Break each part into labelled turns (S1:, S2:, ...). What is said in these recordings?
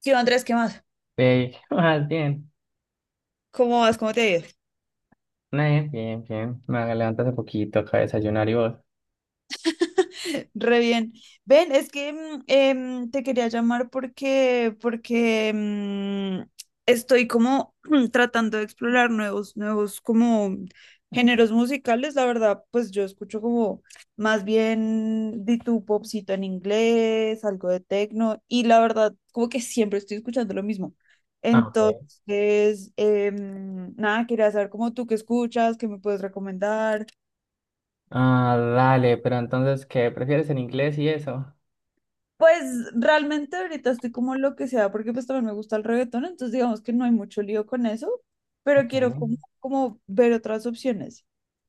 S1: Sí, Andrés, ¿qué más?
S2: Hey, ¿qué más? Bien,
S1: ¿Cómo vas? ¿Cómo te ha ido?
S2: bien, bien, bien. Me levanté hace poquito, acá de desayunar y vos.
S1: Re bien. Ven, es que te quería llamar porque estoy como tratando de explorar nuevos como géneros musicales. La verdad, pues yo escucho como más bien de tu popcito en inglés, algo de techno, y la verdad, como que siempre estoy escuchando lo mismo.
S2: Ah, ok.
S1: Entonces, nada, quería saber cómo tú qué escuchas, qué me puedes recomendar.
S2: Ah, dale, pero entonces, ¿qué prefieres en inglés y eso?
S1: Pues realmente ahorita estoy como lo que sea, porque pues también me gusta el reggaetón, entonces digamos que no hay mucho lío con eso, pero
S2: Ok.
S1: quiero como ver otras opciones.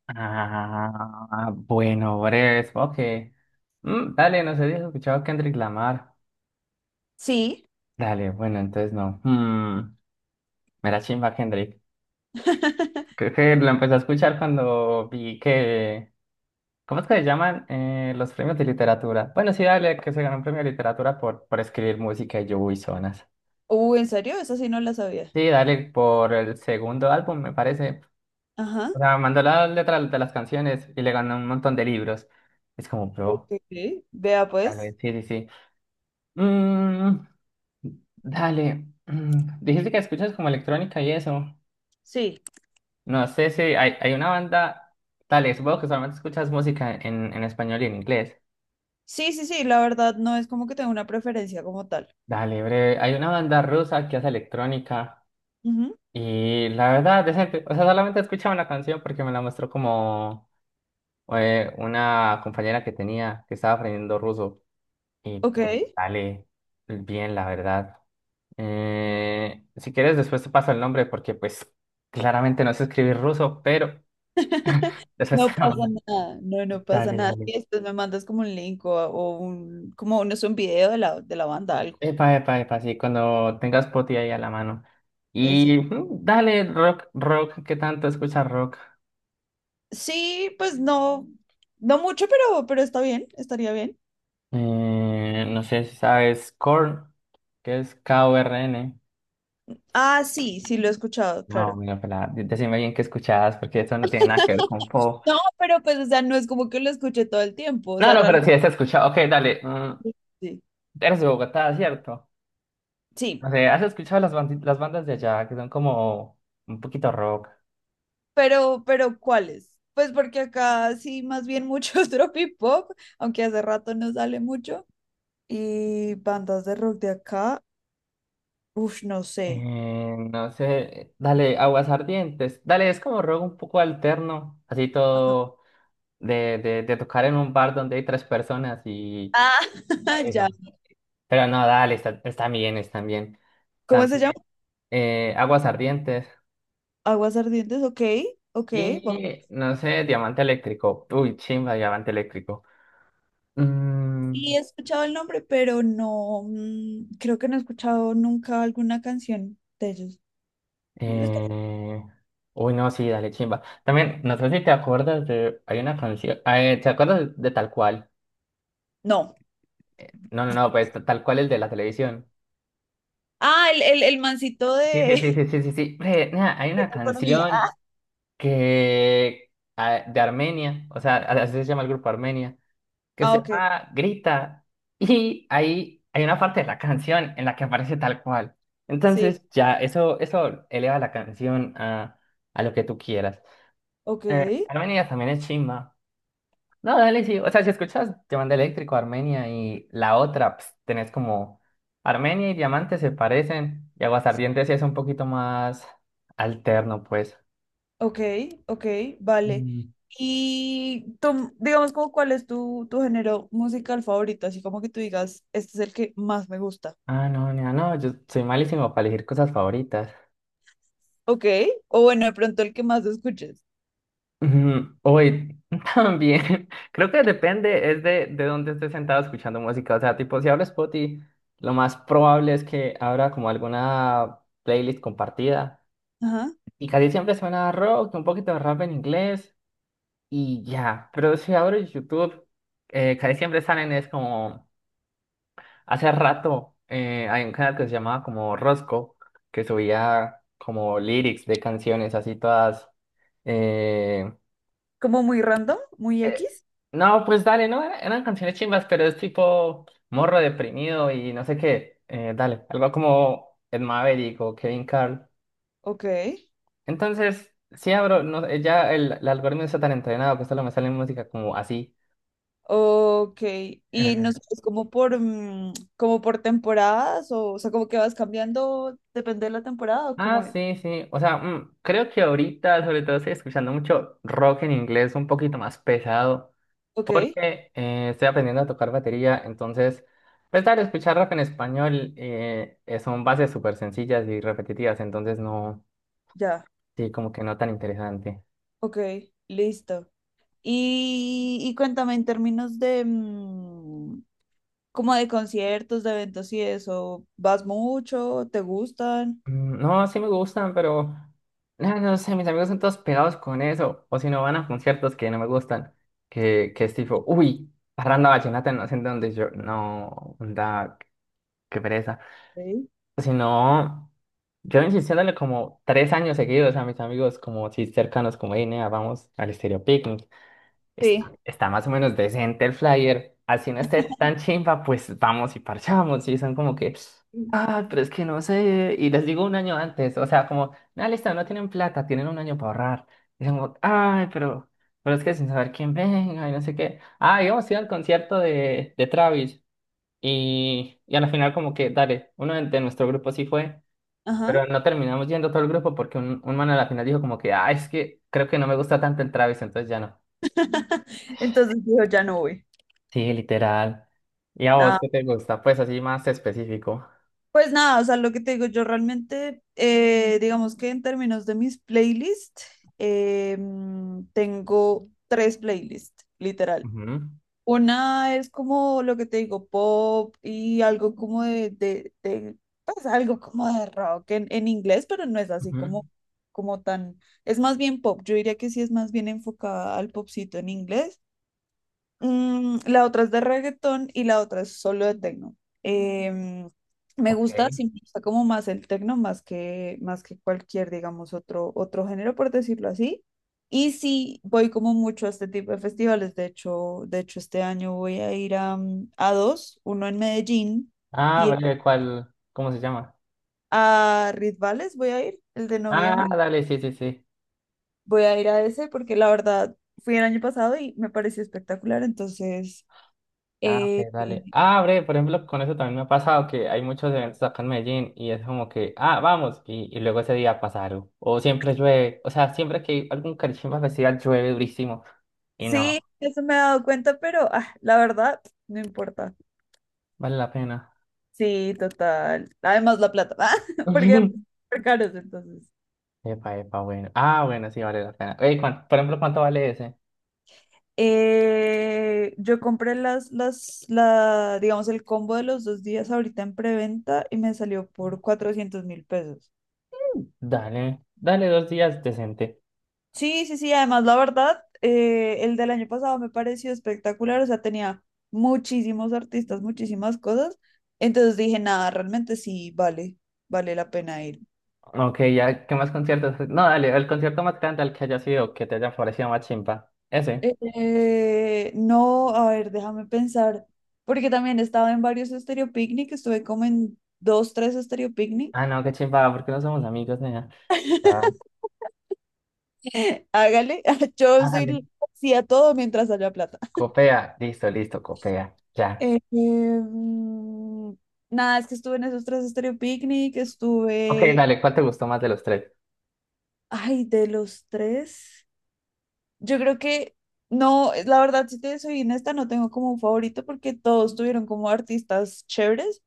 S2: Ah, bueno, breves, ok. Dale, no sé si has escuchado a Kendrick Lamar.
S1: Sí.
S2: Dale, bueno, entonces no. Hmm, me la chimba Kendrick. Creo que lo empecé a escuchar cuando vi que... ¿Cómo es que se llaman los premios de literatura? Bueno, sí, dale, que se ganó un premio de literatura por escribir música y yo, uy, zonas.
S1: ¿En serio? Esa sí no la sabía.
S2: Sí, dale por el segundo álbum, me parece.
S1: Ajá.
S2: O sea, mandó las letras de las canciones y le ganó un montón de libros. Es como, bro,
S1: Ok. Vea pues.
S2: dale, sí, sí, sí. Mm, dale, dijiste que escuchas como electrónica y eso.
S1: Sí.
S2: No sé si hay una banda, dale, supongo que solamente escuchas música en español y en inglés.
S1: Sí, sí, sí, la verdad no es como que tenga una preferencia como tal.
S2: Dale, breve, hay una banda rusa que hace electrónica
S1: Ujú,
S2: y la verdad, decente. O sea, solamente escuchaba una canción porque me la mostró como... una compañera que tenía que estaba aprendiendo ruso y
S1: ok.
S2: pues sale bien, la verdad. Si quieres, después te paso el nombre porque pues claramente no sé escribir ruso, pero después
S1: No
S2: te lo
S1: pasa
S2: mando.
S1: nada, no, no pasa
S2: Dale,
S1: nada.
S2: dale.
S1: Y después me mandas como un link o un, como no sé, un video de la banda, algo.
S2: Epa, epa, epa, sí, cuando tengas poti ahí a la mano.
S1: Eso.
S2: Y dale, rock, ¿qué tanto escuchas rock?
S1: Sí, pues no, no mucho, pero está bien, estaría bien.
S2: No sé si sabes Korn, que es K-O-R-N.
S1: Ah, sí, sí lo he escuchado,
S2: No,
S1: claro.
S2: mira, pelada, decime bien qué escuchabas, porque eso no tiene nada que ver con pop.
S1: No, pero pues, o sea, no es como que lo escuché todo el tiempo, o
S2: No,
S1: sea,
S2: no, pero
S1: realmente
S2: sí has escuchado. Ok, dale.
S1: sí.
S2: Eres de Bogotá, ¿cierto?
S1: Sí,
S2: No sé, ¿has escuchado las bandas de allá que son como un poquito rock?
S1: pero ¿cuáles? Pues porque acá sí, más bien mucho es aunque hace rato no sale mucho. Y bandas de rock de acá, uff, no sé.
S2: No sé, dale, Aguas Ardientes. Dale, es como rock un poco alterno, así todo de tocar en un bar donde hay tres personas y
S1: Ah,
S2: ah,
S1: ya.
S2: eso. Pero no, dale, está bien, está bien.
S1: ¿Cómo se
S2: También
S1: llama?
S2: Aguas Ardientes.
S1: Aguas Ardientes, ok, ok.
S2: Y no sé, Diamante Eléctrico. Uy, chimba, Diamante Eléctrico. Mm,
S1: Y he escuchado el nombre, pero no, creo que no he escuchado nunca alguna canción de ellos. Está-
S2: Eh... Uy, no, sí, dale, chimba. También, no sé si te acuerdas de... Hay una canción... ¿te acuerdas de Tal Cual?
S1: No.
S2: No, no, no, pues Tal Cual el de la televisión.
S1: Ah, el mancito
S2: Sí, sí,
S1: de,
S2: sí, sí, sí, sí, sí. Bre, nea, hay
S1: de
S2: una
S1: la economía. Ah,
S2: canción que... ah, de Armenia, o sea, así se llama el grupo Armenia, que
S1: ah,
S2: se
S1: ok,
S2: llama Grita. Y ahí hay una parte de la canción en la que aparece Tal Cual.
S1: sí.
S2: Entonces, ya, eso eleva la canción a lo que tú quieras.
S1: Ok,
S2: Armenia también es chimba. No, dale, sí. O sea, si escuchas Diamante Eléctrico, Armenia y la otra, pues, tenés como Armenia y Diamante se parecen y Aguasardientes sí es un poquito más alterno, pues.
S1: ok, ok, vale.
S2: Mm.
S1: Y tú, digamos como cuál es tu género musical favorito, así como que tú digas, este es el que más me gusta.
S2: Ah, no, no, no, yo soy malísimo para elegir cosas favoritas.
S1: Ok, o bueno, de pronto el que más escuches.
S2: Ujú, Uy, también, creo que depende, es de dónde estés sentado escuchando música. O sea, tipo, si hablo Spotify, lo más probable es que abra como alguna playlist compartida.
S1: Ajá.
S2: Y casi siempre suena rock, un poquito de rap en inglés. Y ya, pero si abres YouTube, casi siempre salen es como, hace rato hay un canal que se llamaba como Rosco, que subía como lyrics de canciones así todas, eh,
S1: Como muy random, muy
S2: eh,
S1: X.
S2: no, pues dale, no, eran canciones chimbas, pero es tipo morro deprimido y no sé qué, dale, algo como Ed Maverick o Kevin Carl.
S1: Ok.
S2: Entonces, si abro, no, ya el algoritmo está tan entrenado que solo me sale música como así.
S1: Ok, y no sé, es como por temporadas o sea, como que vas cambiando, depende de la temporada o cómo
S2: Ah,
S1: es.
S2: sí, sí. O sea, creo que ahorita sobre todo estoy escuchando mucho rock en inglés, un poquito más pesado,
S1: Ok,
S2: porque estoy aprendiendo a tocar batería, entonces, pues dale, escuchar rock en español son bases súper sencillas y repetitivas, entonces no,
S1: ya,
S2: sí, como que no tan interesante.
S1: ok, listo. Y cuéntame en términos de, como de conciertos, de eventos y eso, ¿vas mucho? ¿Te gustan?
S2: Mm, no, sí me gustan, pero no sé, mis amigos son todos pegados con eso, o si no van a conciertos que no me gustan, que es tipo, uy, parranda vallenata, no sé en dónde yo, no, da, qué pereza.
S1: Sí.
S2: Si no, yo insistiéndole como tres años seguidos a mis amigos, como si cercanos, como, hey, nea, vamos al Estéreo Picnic.
S1: Sí.
S2: Está más o menos decente el flyer. Así no esté tan chimba, pues vamos y parchamos. Y son como que, ah, pero es que no sé. Y les digo un año antes, o sea, como, nada, listo, no tienen plata, tienen un año para ahorrar. Y son como, ay, pero es que sin saber quién venga y no sé qué. Ah, y vamos a ir al concierto de Travis. Y al final como que, dale, uno de nuestro grupo sí fue.
S1: Ajá.
S2: Pero no terminamos yendo todo el grupo porque un man a la final dijo como que, ah, es que creo que no me gusta tanto el Travis, entonces ya no.
S1: Entonces dijo, ya no voy.
S2: Sí, literal. ¿Y a vos qué te gusta? Pues así más específico.
S1: Pues nada, o sea, lo que te digo, yo realmente, digamos que en términos de mis playlists, tengo tres playlists, literal.
S2: Ujú,
S1: Una es como lo que te digo, pop y algo como de, pues algo como de rock en inglés, pero no es así
S2: ujú.
S1: como tan, es más bien pop, yo diría que sí es más bien enfocada al popcito en inglés. La otra es de reggaetón y la otra es solo de tecno. Em, me
S2: Ok.
S1: gusta, sí, me gusta como más el tecno, más que cualquier, digamos, otro género, por decirlo así. Y sí, voy como mucho a este tipo de festivales. De hecho, este año voy a ir a dos, uno en Medellín
S2: Ah,
S1: y
S2: breve, ¿cuál? ¿Cómo se llama?
S1: a Ritvales voy a ir, el de
S2: Ah,
S1: noviembre.
S2: dale, sí, sí, sí.
S1: Voy a ir a ese porque la verdad fui el año pasado y me pareció espectacular. Entonces...
S2: Ah,
S1: Eh,
S2: ok, dale. Ah, breve, por ejemplo, con eso también me ha pasado que hay muchos eventos acá en Medellín y es como que, ah, vamos, y luego ese día pasa algo. O siempre llueve, o sea, siempre que hay algún Carichimba Festival llueve durísimo y
S1: Sí,
S2: no,
S1: eso me he dado cuenta, pero la verdad, no importa.
S2: vale la pena.
S1: Sí, total. Además, la plata, porque son súper caros, entonces.
S2: Epa, epa, bueno. Ah, bueno, sí vale la pena. Ey, por ejemplo, ¿cuánto vale ese?
S1: Yo compré digamos, el combo de los 2 días ahorita en preventa y me salió por 400.000 pesos.
S2: Dale, dale dos días decente.
S1: Sí, sí, sí, además, la verdad, el del año pasado me pareció espectacular, o sea, tenía muchísimos artistas, muchísimas cosas, entonces dije, nada, realmente sí, vale, vale la pena ir.
S2: Ok, ya, ¿qué más conciertos? No, dale, el concierto más grande al que haya sido, que te haya parecido más chimpa. Ese.
S1: No, a ver, déjame pensar, porque también estaba en varios Estéreo Picnic, estuve como en dos, tres Estéreo Picnic.
S2: Ah, no, qué chimpa, porque no somos amigos, ¿nena? Ya.
S1: Hágale, yo
S2: Ah,
S1: soy
S2: dale.
S1: sí a todo mientras haya plata.
S2: Copea, listo, listo, copea. Ya.
S1: Eh, em, nada, es que estuve en esos tres Estéreo Picnic,
S2: Ok,
S1: estuve,
S2: dale, ¿cuál te gustó más de los tres?
S1: ay, de los tres, yo creo que, no, la verdad, si te soy honesta, no tengo como un favorito porque todos tuvieron como artistas chéveres.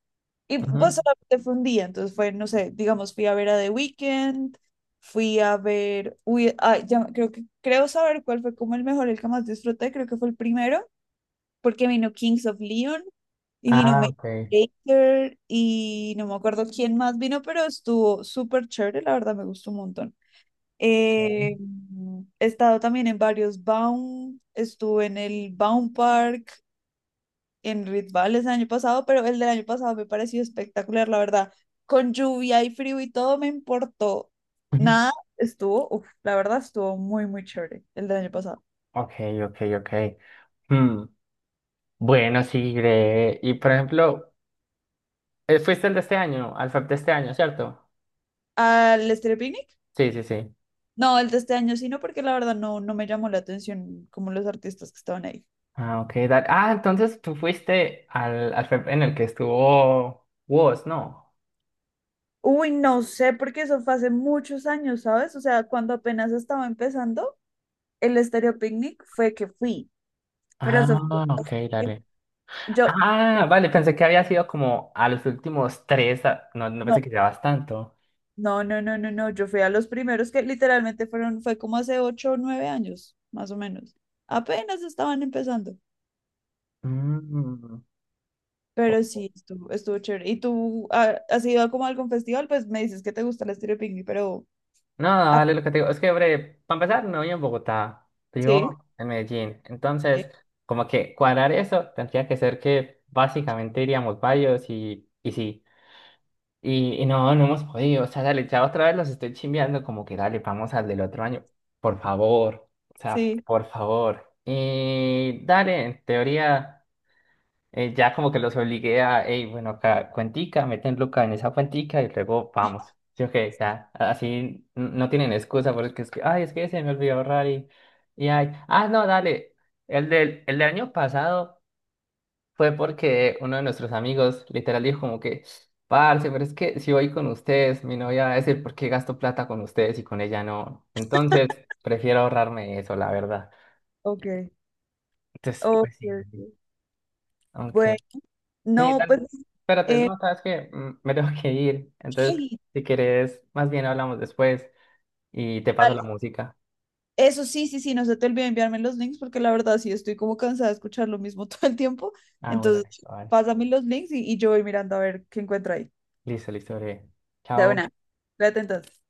S1: Y
S2: Ujú.
S1: pues solamente fue un día, entonces fue, no sé, digamos, fui a ver a The Weeknd, uy, ya, creo saber cuál fue como el mejor, el que más disfruté, creo que fue el primero, porque vino Kings of Leon y vino
S2: Ah,
S1: Major
S2: ok.
S1: Lazer y no me acuerdo quién más vino, pero estuvo súper chévere, la verdad me gustó un montón. Eh, he estado también en varios Baum, estuve en el Baum Park, en Red el año pasado, pero el del año pasado me pareció espectacular, la verdad. Con lluvia y frío y todo me importó.
S2: Ok,
S1: Nada, estuvo, uf, la verdad estuvo muy, muy chévere el del año pasado.
S2: ok, ok. Hmm, bueno, sí, Gre. Y por ejemplo, fuiste el de este año, al FEP de este año, ¿cierto?
S1: ¿Al estéreo Picnic?
S2: Sí, sí, sí.
S1: No, el de este año sí, no, porque la verdad no me llamó la atención como los artistas que estaban ahí.
S2: Ah, ok. Ah, entonces tú fuiste al FEP en el que estuvo vos, ¿no?
S1: Uy, no sé, porque eso fue hace muchos años, ¿sabes? O sea, cuando apenas estaba empezando, el estéreo Picnic fue que fui, pero eso fue...
S2: Ah, ok, dale.
S1: Yo,
S2: Ah, vale, pensé que había sido como a los últimos tres, no, no
S1: no,
S2: pensé que llevabas tanto.
S1: No, no, no, no, no. Yo fui a los primeros que literalmente fue como hace 8 o 9 años, más o menos. Apenas estaban empezando.
S2: Mm.
S1: Pero sí, estuvo chévere. ¿Y tú has ido a como a algún festival? Pues me dices que te gusta el estilo pingüi, pero.
S2: No,
S1: Ah,
S2: dale, lo que te digo, es que, hombre, para empezar, no vivo en Bogotá,
S1: sí,
S2: vivo en Medellín.
S1: sí,
S2: Entonces, como que cuadrar eso tendría que ser que básicamente iríamos varios y sí. Y no, no hemos podido. O sea, dale, ya otra vez los estoy chimbeando, como que dale, vamos al del otro año. Por favor. O sea,
S1: sí.
S2: por favor. Y dale, en teoría, ya como que los obligué a, hey, bueno, acá, cuentica, meten Luca en esa cuentica y luego vamos. Sí, ok, ya. No tienen excusa porque es que, ay, es que se me olvidó ahorrar y ay. Ah, no, dale. El del año pasado. Fue porque uno de nuestros amigos literal dijo como que, parce, pero es que si voy con ustedes, mi novia va a decir, ¿por qué gasto plata con ustedes y con ella no? Entonces, prefiero ahorrarme eso, la verdad.
S1: Ok.
S2: Entonces,
S1: Ok,
S2: pues sí, dale.
S1: ok. Bueno,
S2: Aunque... Sí,
S1: no, pues.
S2: dale. Espérate,
S1: eh,
S2: no, sabes que me tengo que ir. Entonces,
S1: ay,
S2: si quieres, más bien hablamos después y te paso la
S1: dale.
S2: música.
S1: Eso sí, sí, sí, no se te olvide enviarme los links porque la verdad sí estoy como cansada de escuchar lo mismo todo el tiempo.
S2: Ah, bueno,
S1: Entonces,
S2: listo, vale.
S1: pásame los links y yo voy mirando a ver qué encuentro ahí.
S2: Listo, listo, breve.
S1: De
S2: Chao.
S1: una. Cuídate entonces.